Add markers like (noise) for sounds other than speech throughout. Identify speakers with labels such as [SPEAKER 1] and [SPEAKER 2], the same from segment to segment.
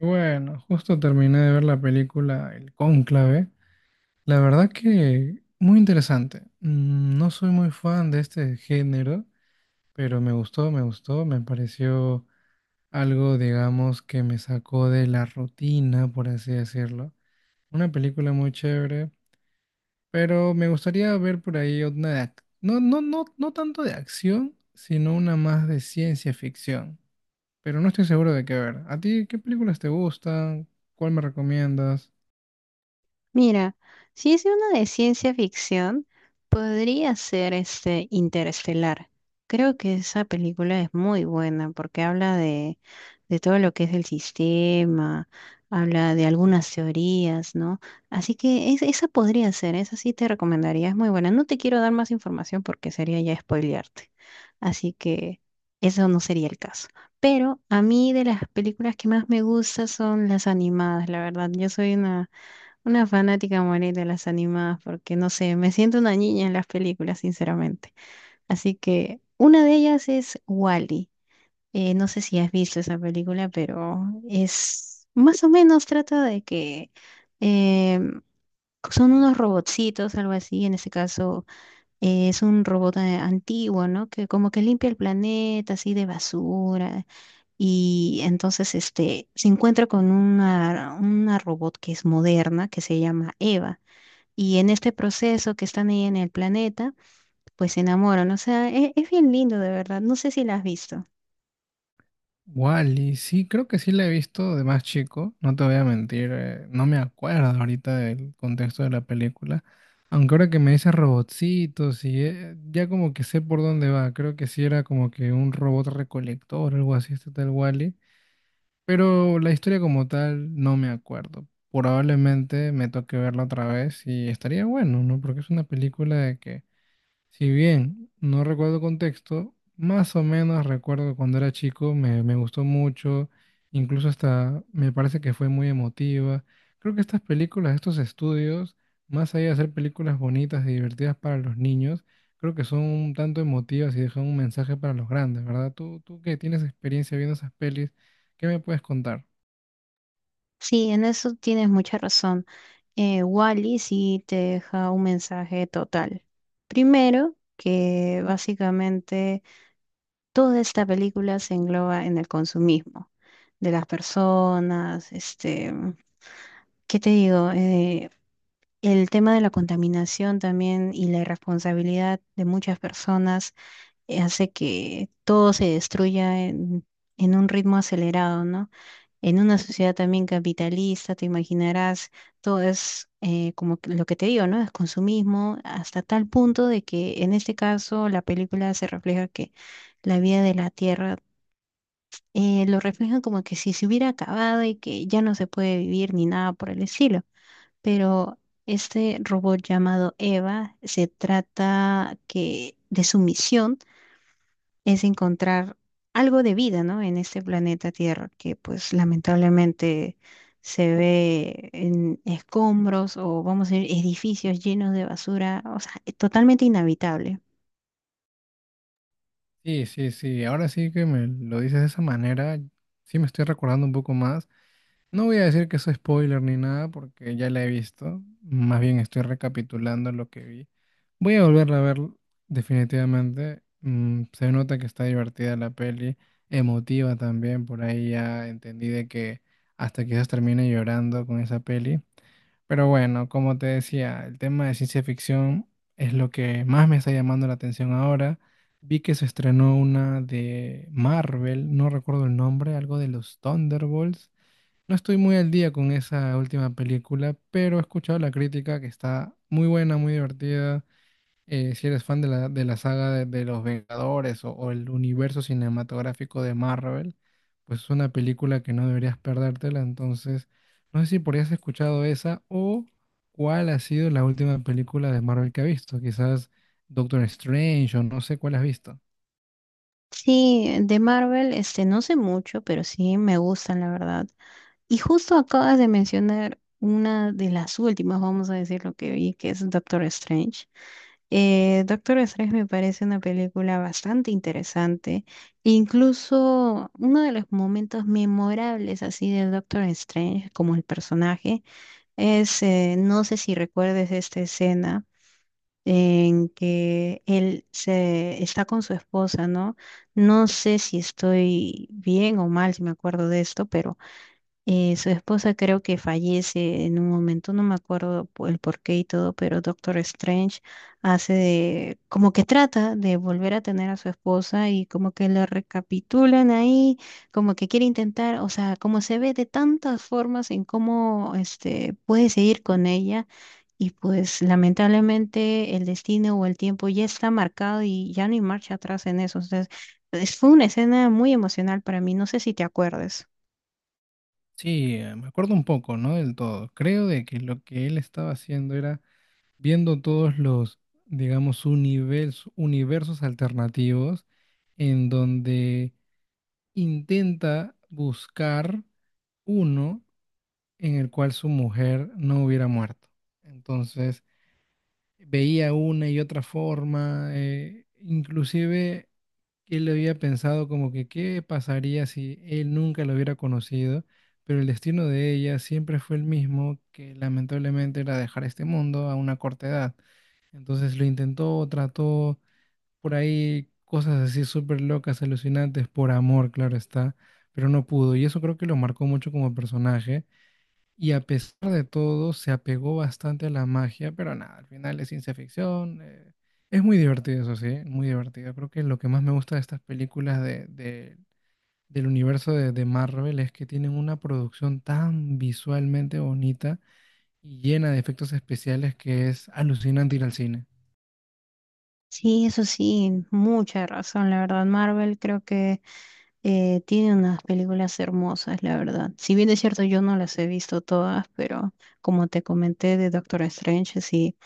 [SPEAKER 1] Bueno, justo terminé de ver la película El Cónclave. La verdad que muy interesante. Mm, no soy muy fan de este género, pero me gustó, me gustó. Me pareció algo, digamos, que me sacó de la rutina, por así decirlo. Una película muy chévere, pero me gustaría ver por ahí una no, no, no, no tanto de acción, sino una más de ciencia ficción. Pero no estoy seguro de qué ver. ¿A ti qué películas te gustan? ¿Cuál me recomiendas?
[SPEAKER 2] Mira, si es una de ciencia ficción, podría ser este Interestelar. Creo que esa película es muy buena porque habla de todo lo que es el sistema, habla de algunas teorías, ¿no? Así que esa podría ser, esa sí te recomendaría, es muy buena. No te quiero dar más información porque sería ya spoilearte. Así que eso no sería el caso. Pero a mí de las películas que más me gustan son las animadas, la verdad. Yo soy una fanática morir de las animadas porque no sé, me siento una niña en las películas, sinceramente. Así que una de ellas es Wally. No sé si has visto esa película, pero es más o menos trata de que eh, son unos robotcitos, algo así. En este caso es un robot antiguo, ¿no? Que como que limpia el planeta así de basura. Y entonces este, se encuentra con una robot que es moderna, que se llama Eva y en este proceso que están ahí en el planeta, pues se enamoran. O sea, es, bien lindo de verdad. No sé si la has visto.
[SPEAKER 1] Wally, sí, creo que sí la he visto de más chico, no te voy a mentir, no me acuerdo ahorita del contexto de la película, aunque ahora que me dices robotcitos y ya como que sé por dónde va, creo que sí era como que un robot recolector, algo así, este tal Wally, pero la historia como tal no me acuerdo. Probablemente me toque verla otra vez y estaría bueno, ¿no? Porque es una película de que si bien no recuerdo contexto, más o menos recuerdo que cuando era chico, me gustó mucho, incluso hasta me parece que fue muy emotiva. Creo que estas películas, estos estudios, más allá de ser películas bonitas y divertidas para los niños, creo que son un tanto emotivas y dejan un mensaje para los grandes, ¿verdad? Tú que tienes experiencia viendo esas pelis, ¿qué me puedes contar?
[SPEAKER 2] Sí, en eso tienes mucha razón. Wally sí te deja un mensaje total. Primero, que básicamente toda esta película se engloba en el consumismo de las personas, este, ¿qué te digo? El tema de la contaminación también y la irresponsabilidad de muchas personas hace que todo se destruya en un ritmo acelerado, ¿no? En una sociedad también capitalista, te imaginarás, todo es como que lo que te digo, ¿no? Es consumismo hasta tal punto de que en este caso la película se refleja que la vida de la Tierra lo reflejan como que si se hubiera acabado y que ya no se puede vivir ni nada por el estilo. Pero este robot llamado Eva se trata que de su misión es encontrar algo de vida, ¿no? En este planeta Tierra, que pues lamentablemente se ve en escombros o vamos a decir edificios llenos de basura, o sea, es totalmente inhabitable.
[SPEAKER 1] Sí, sí, sí, ahora sí que me lo dices de esa manera, sí me estoy recordando un poco más. No voy a decir que eso es spoiler ni nada porque ya la he visto. Más bien estoy recapitulando lo que vi. Voy a volverla a ver definitivamente. Mm, se nota que está divertida la peli, emotiva también. Por ahí ya entendí de que hasta quizás termine llorando con esa peli. Pero bueno, como te decía, el tema de ciencia ficción es lo que más me está llamando la atención ahora. Vi que se estrenó una de Marvel, no recuerdo el nombre, algo de los Thunderbolts. No estoy muy al día con esa última película, pero he escuchado la crítica que está muy buena, muy divertida. Si eres fan de de la saga de los Vengadores o el universo cinematográfico de Marvel, pues es una película que no deberías perdértela. Entonces, no sé si por ahí has escuchado esa o cuál ha sido la última película de Marvel que has visto. Quizás Doctor Strange o no sé cuál has visto.
[SPEAKER 2] Sí, de Marvel, este, no sé mucho, pero sí me gustan, la verdad. Y justo acabas de mencionar una de las últimas, vamos a decir lo que vi, que es Doctor Strange. Doctor Strange me parece una película bastante interesante. Incluso uno de los momentos memorables así del Doctor Strange como el personaje es, no sé si recuerdes esta escena en que él se está con su esposa, ¿no? No sé si estoy bien o mal, si me acuerdo de esto, pero su esposa creo que fallece en un momento, no me acuerdo el porqué y todo, pero Doctor Strange hace de, como que trata de volver a tener a su esposa y como que lo recapitulan ahí, como que quiere intentar, o sea, como se ve de tantas formas en cómo este puede seguir con ella y pues lamentablemente el destino o el tiempo ya está marcado y ya no hay marcha atrás en eso. Entonces, fue una escena muy emocional para mí, no sé si te acuerdes.
[SPEAKER 1] Sí, me acuerdo un poco, no del todo. Creo de que lo que él estaba haciendo era viendo todos los, digamos, universos, universos alternativos en donde intenta buscar uno en el cual su mujer no hubiera muerto. Entonces, veía una y otra forma, inclusive él había pensado como que qué pasaría si él nunca la hubiera conocido, pero el destino de ella siempre fue el mismo, que lamentablemente era dejar este mundo a una corta edad. Entonces lo intentó, trató por ahí cosas así súper locas, alucinantes, por amor, claro está, pero no pudo. Y eso creo que lo marcó mucho como personaje. Y a pesar de todo, se apegó bastante a la magia, pero nada, al final es ciencia ficción. Es muy divertido, eso sí, muy divertido. Creo que lo que más me gusta de estas películas del universo de Marvel es que tienen una producción tan visualmente bonita y llena de efectos especiales que es alucinante ir al cine.
[SPEAKER 2] Sí, eso sí, mucha razón, la verdad. Marvel creo que tiene unas películas hermosas, la verdad. Si bien es cierto, yo no las he visto todas, pero como te comenté de Doctor Strange, sí,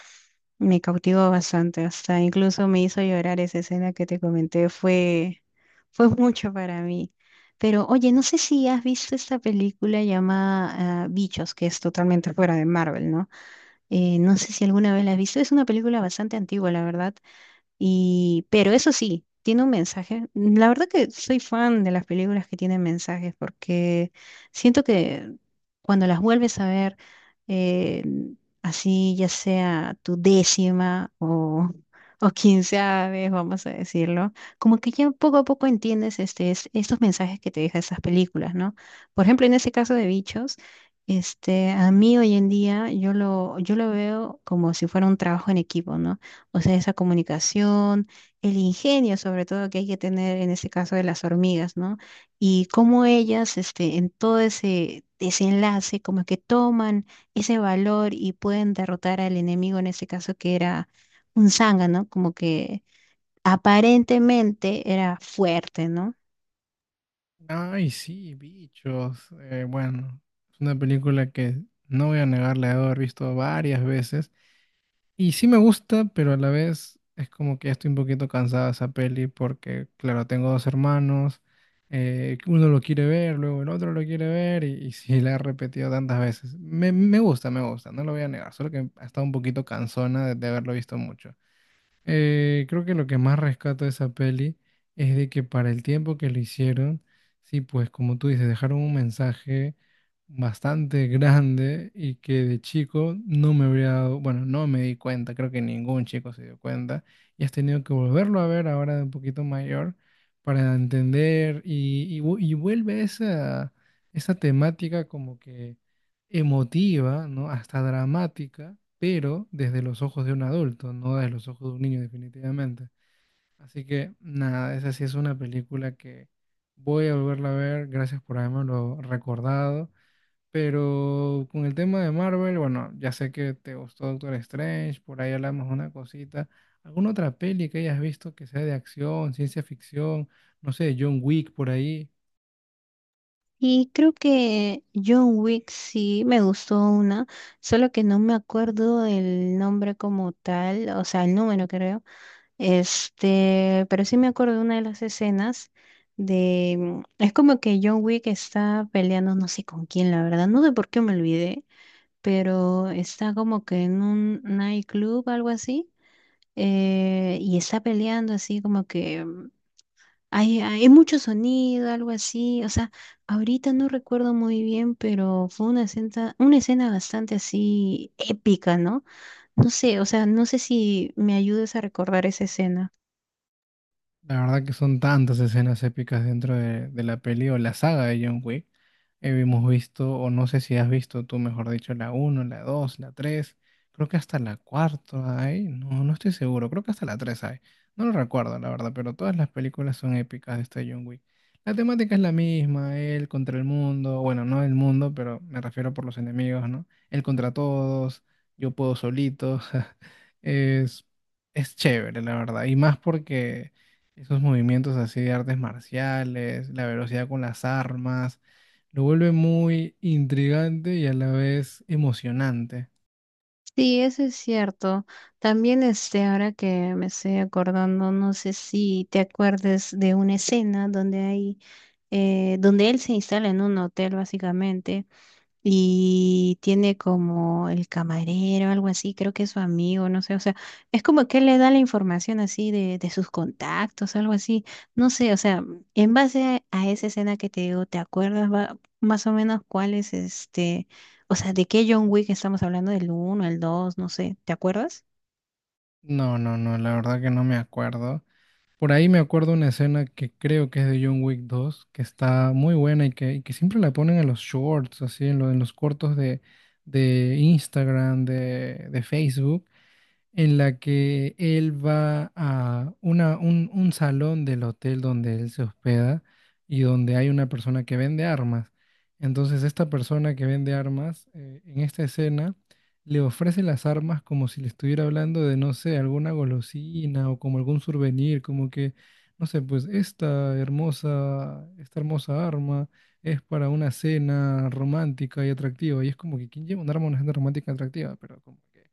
[SPEAKER 2] me cautivó bastante. Hasta incluso me hizo llorar esa escena que te comenté, fue, fue mucho para mí. Pero oye, no sé si has visto esta película llamada ah, Bichos, que es totalmente fuera de Marvel, ¿no? No sé si alguna vez la has visto, es una película bastante antigua, la verdad y, pero eso sí, tiene un mensaje. La verdad que soy fan de las películas que tienen mensajes porque siento que cuando las vuelves a ver, eh, así ya sea tu décima o, (laughs) o quinceava vez, vamos a decirlo, como que ya poco a poco entiendes este, estos mensajes que te dejan esas películas, ¿no? Por ejemplo, en ese caso de Bichos, este, a mí hoy en día yo lo veo como si fuera un trabajo en equipo, ¿no? O sea, esa comunicación, el ingenio sobre todo que hay que tener en ese caso de las hormigas, ¿no? Y cómo ellas, este, en todo ese desenlace, como que toman ese valor y pueden derrotar al enemigo, en ese caso que era un zángano, como que aparentemente era fuerte, ¿no?
[SPEAKER 1] Ay, sí, Bichos. Bueno, es una película que, no voy a negar, la he de haber visto varias veces. Y sí me gusta, pero a la vez es como que ya estoy un poquito cansada de esa peli porque, claro, tengo dos hermanos, uno lo quiere ver, luego el otro lo quiere ver y sí, la he repetido tantas veces. Me gusta, no lo voy a negar, solo que ha estado un poquito cansona de haberlo visto mucho. Creo que lo que más rescato de esa peli es de que para el tiempo que lo hicieron, sí, pues como tú dices, dejaron un mensaje bastante grande y que de chico no me habría dado, bueno, no me di cuenta, creo que ningún chico se dio cuenta y has tenido que volverlo a ver ahora de un poquito mayor para entender y y vuelve esa, esa temática como que emotiva, ¿no? Hasta dramática, pero desde los ojos de un adulto, no desde los ojos de un niño definitivamente. Así que nada, esa sí es una película que voy a volverla a ver, gracias por habérmelo recordado. Pero con el tema de Marvel, bueno, ya sé que te gustó Doctor Strange, por ahí hablamos una cosita. ¿Alguna otra peli que hayas visto que sea de acción, ciencia ficción, no sé, John Wick por ahí?
[SPEAKER 2] Y creo que John Wick sí me gustó una, solo que no me acuerdo el nombre como tal, o sea, el número creo. Este, pero sí me acuerdo de una de las escenas de... Mm, es como que John Wick está peleando, no sé con quién, la verdad, no sé por qué me olvidé, pero está como que en un nightclub, algo así, y está peleando así como que hay mucho sonido, algo así, o sea, ahorita no recuerdo muy bien, pero fue una escena bastante así épica, ¿no? No sé, o sea, no sé si me ayudes a recordar esa escena.
[SPEAKER 1] La verdad que son tantas escenas épicas dentro de la peli o la saga de John Wick. Hemos visto, o no sé si has visto tú, mejor dicho, la uno, la dos, la tres, creo que hasta la cuarta hay, no, no estoy seguro, creo que hasta la 3 hay, no lo recuerdo la verdad, pero todas las películas son épicas de este John Wick. La temática es la misma, él contra el mundo, bueno, no el mundo, pero me refiero por los enemigos, ¿no? Él contra todos, yo puedo solito, (laughs) es, es chévere, la verdad, y más porque... Esos movimientos así de artes marciales, la velocidad con las armas, lo vuelve muy intrigante y a la vez emocionante.
[SPEAKER 2] Sí, eso es cierto. También este, ahora que me estoy acordando, no sé si te acuerdes de una escena donde hay, donde él se instala en un hotel básicamente y tiene como el camarero, algo así, creo que es su amigo, no sé, o sea, es como que él le da la información así de sus contactos, algo así, no sé, o sea, en base a esa escena que te digo, ¿te acuerdas más o menos cuál es este, o sea, de qué John Wick estamos hablando, del uno el 2 no sé, ¿te acuerdas?
[SPEAKER 1] No, no, no, la verdad que no me acuerdo. Por ahí me acuerdo una escena que creo que es de John Wick dos, que está muy buena y que siempre la ponen en los shorts, así, en los cortos de Instagram, de Facebook, en la que él va a un salón del hotel donde él se hospeda y donde hay una persona que vende armas. Entonces, esta persona que vende armas, en esta escena, le ofrece las armas como si le estuviera hablando de, no sé, alguna golosina o como algún souvenir, como que, no sé, pues esta hermosa arma es para una cena romántica y atractiva. Y es como que, ¿quién lleva un arma a una cena romántica y atractiva? Pero como que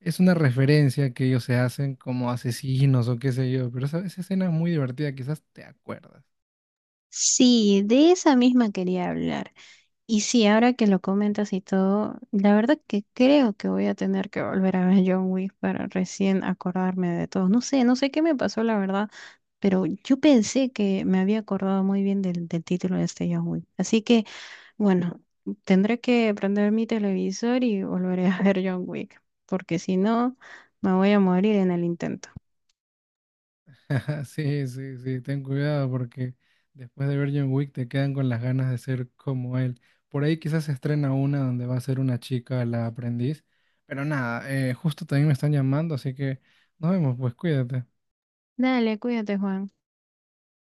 [SPEAKER 1] es una referencia que ellos se hacen como asesinos o qué sé yo, pero esa escena es muy divertida, quizás te acuerdas.
[SPEAKER 2] Sí, de esa misma quería hablar. Y sí, ahora que lo comentas y todo, la verdad que creo que voy a tener que volver a ver John Wick para recién acordarme de todo. No sé, no sé qué me pasó, la verdad, pero yo pensé que me había acordado muy bien del título de este John Wick. Así que, bueno, tendré que prender mi televisor y volveré a ver John Wick, porque si no, me voy a morir en el intento.
[SPEAKER 1] (laughs) Sí, sí, sí, ten cuidado porque después de ver John Wick te quedan con las ganas de ser como él. Por ahí quizás se estrena una donde va a ser una chica la aprendiz, pero nada, justo también me están llamando, así que nos vemos, pues cuídate.
[SPEAKER 2] Dale, cuídate, Juan.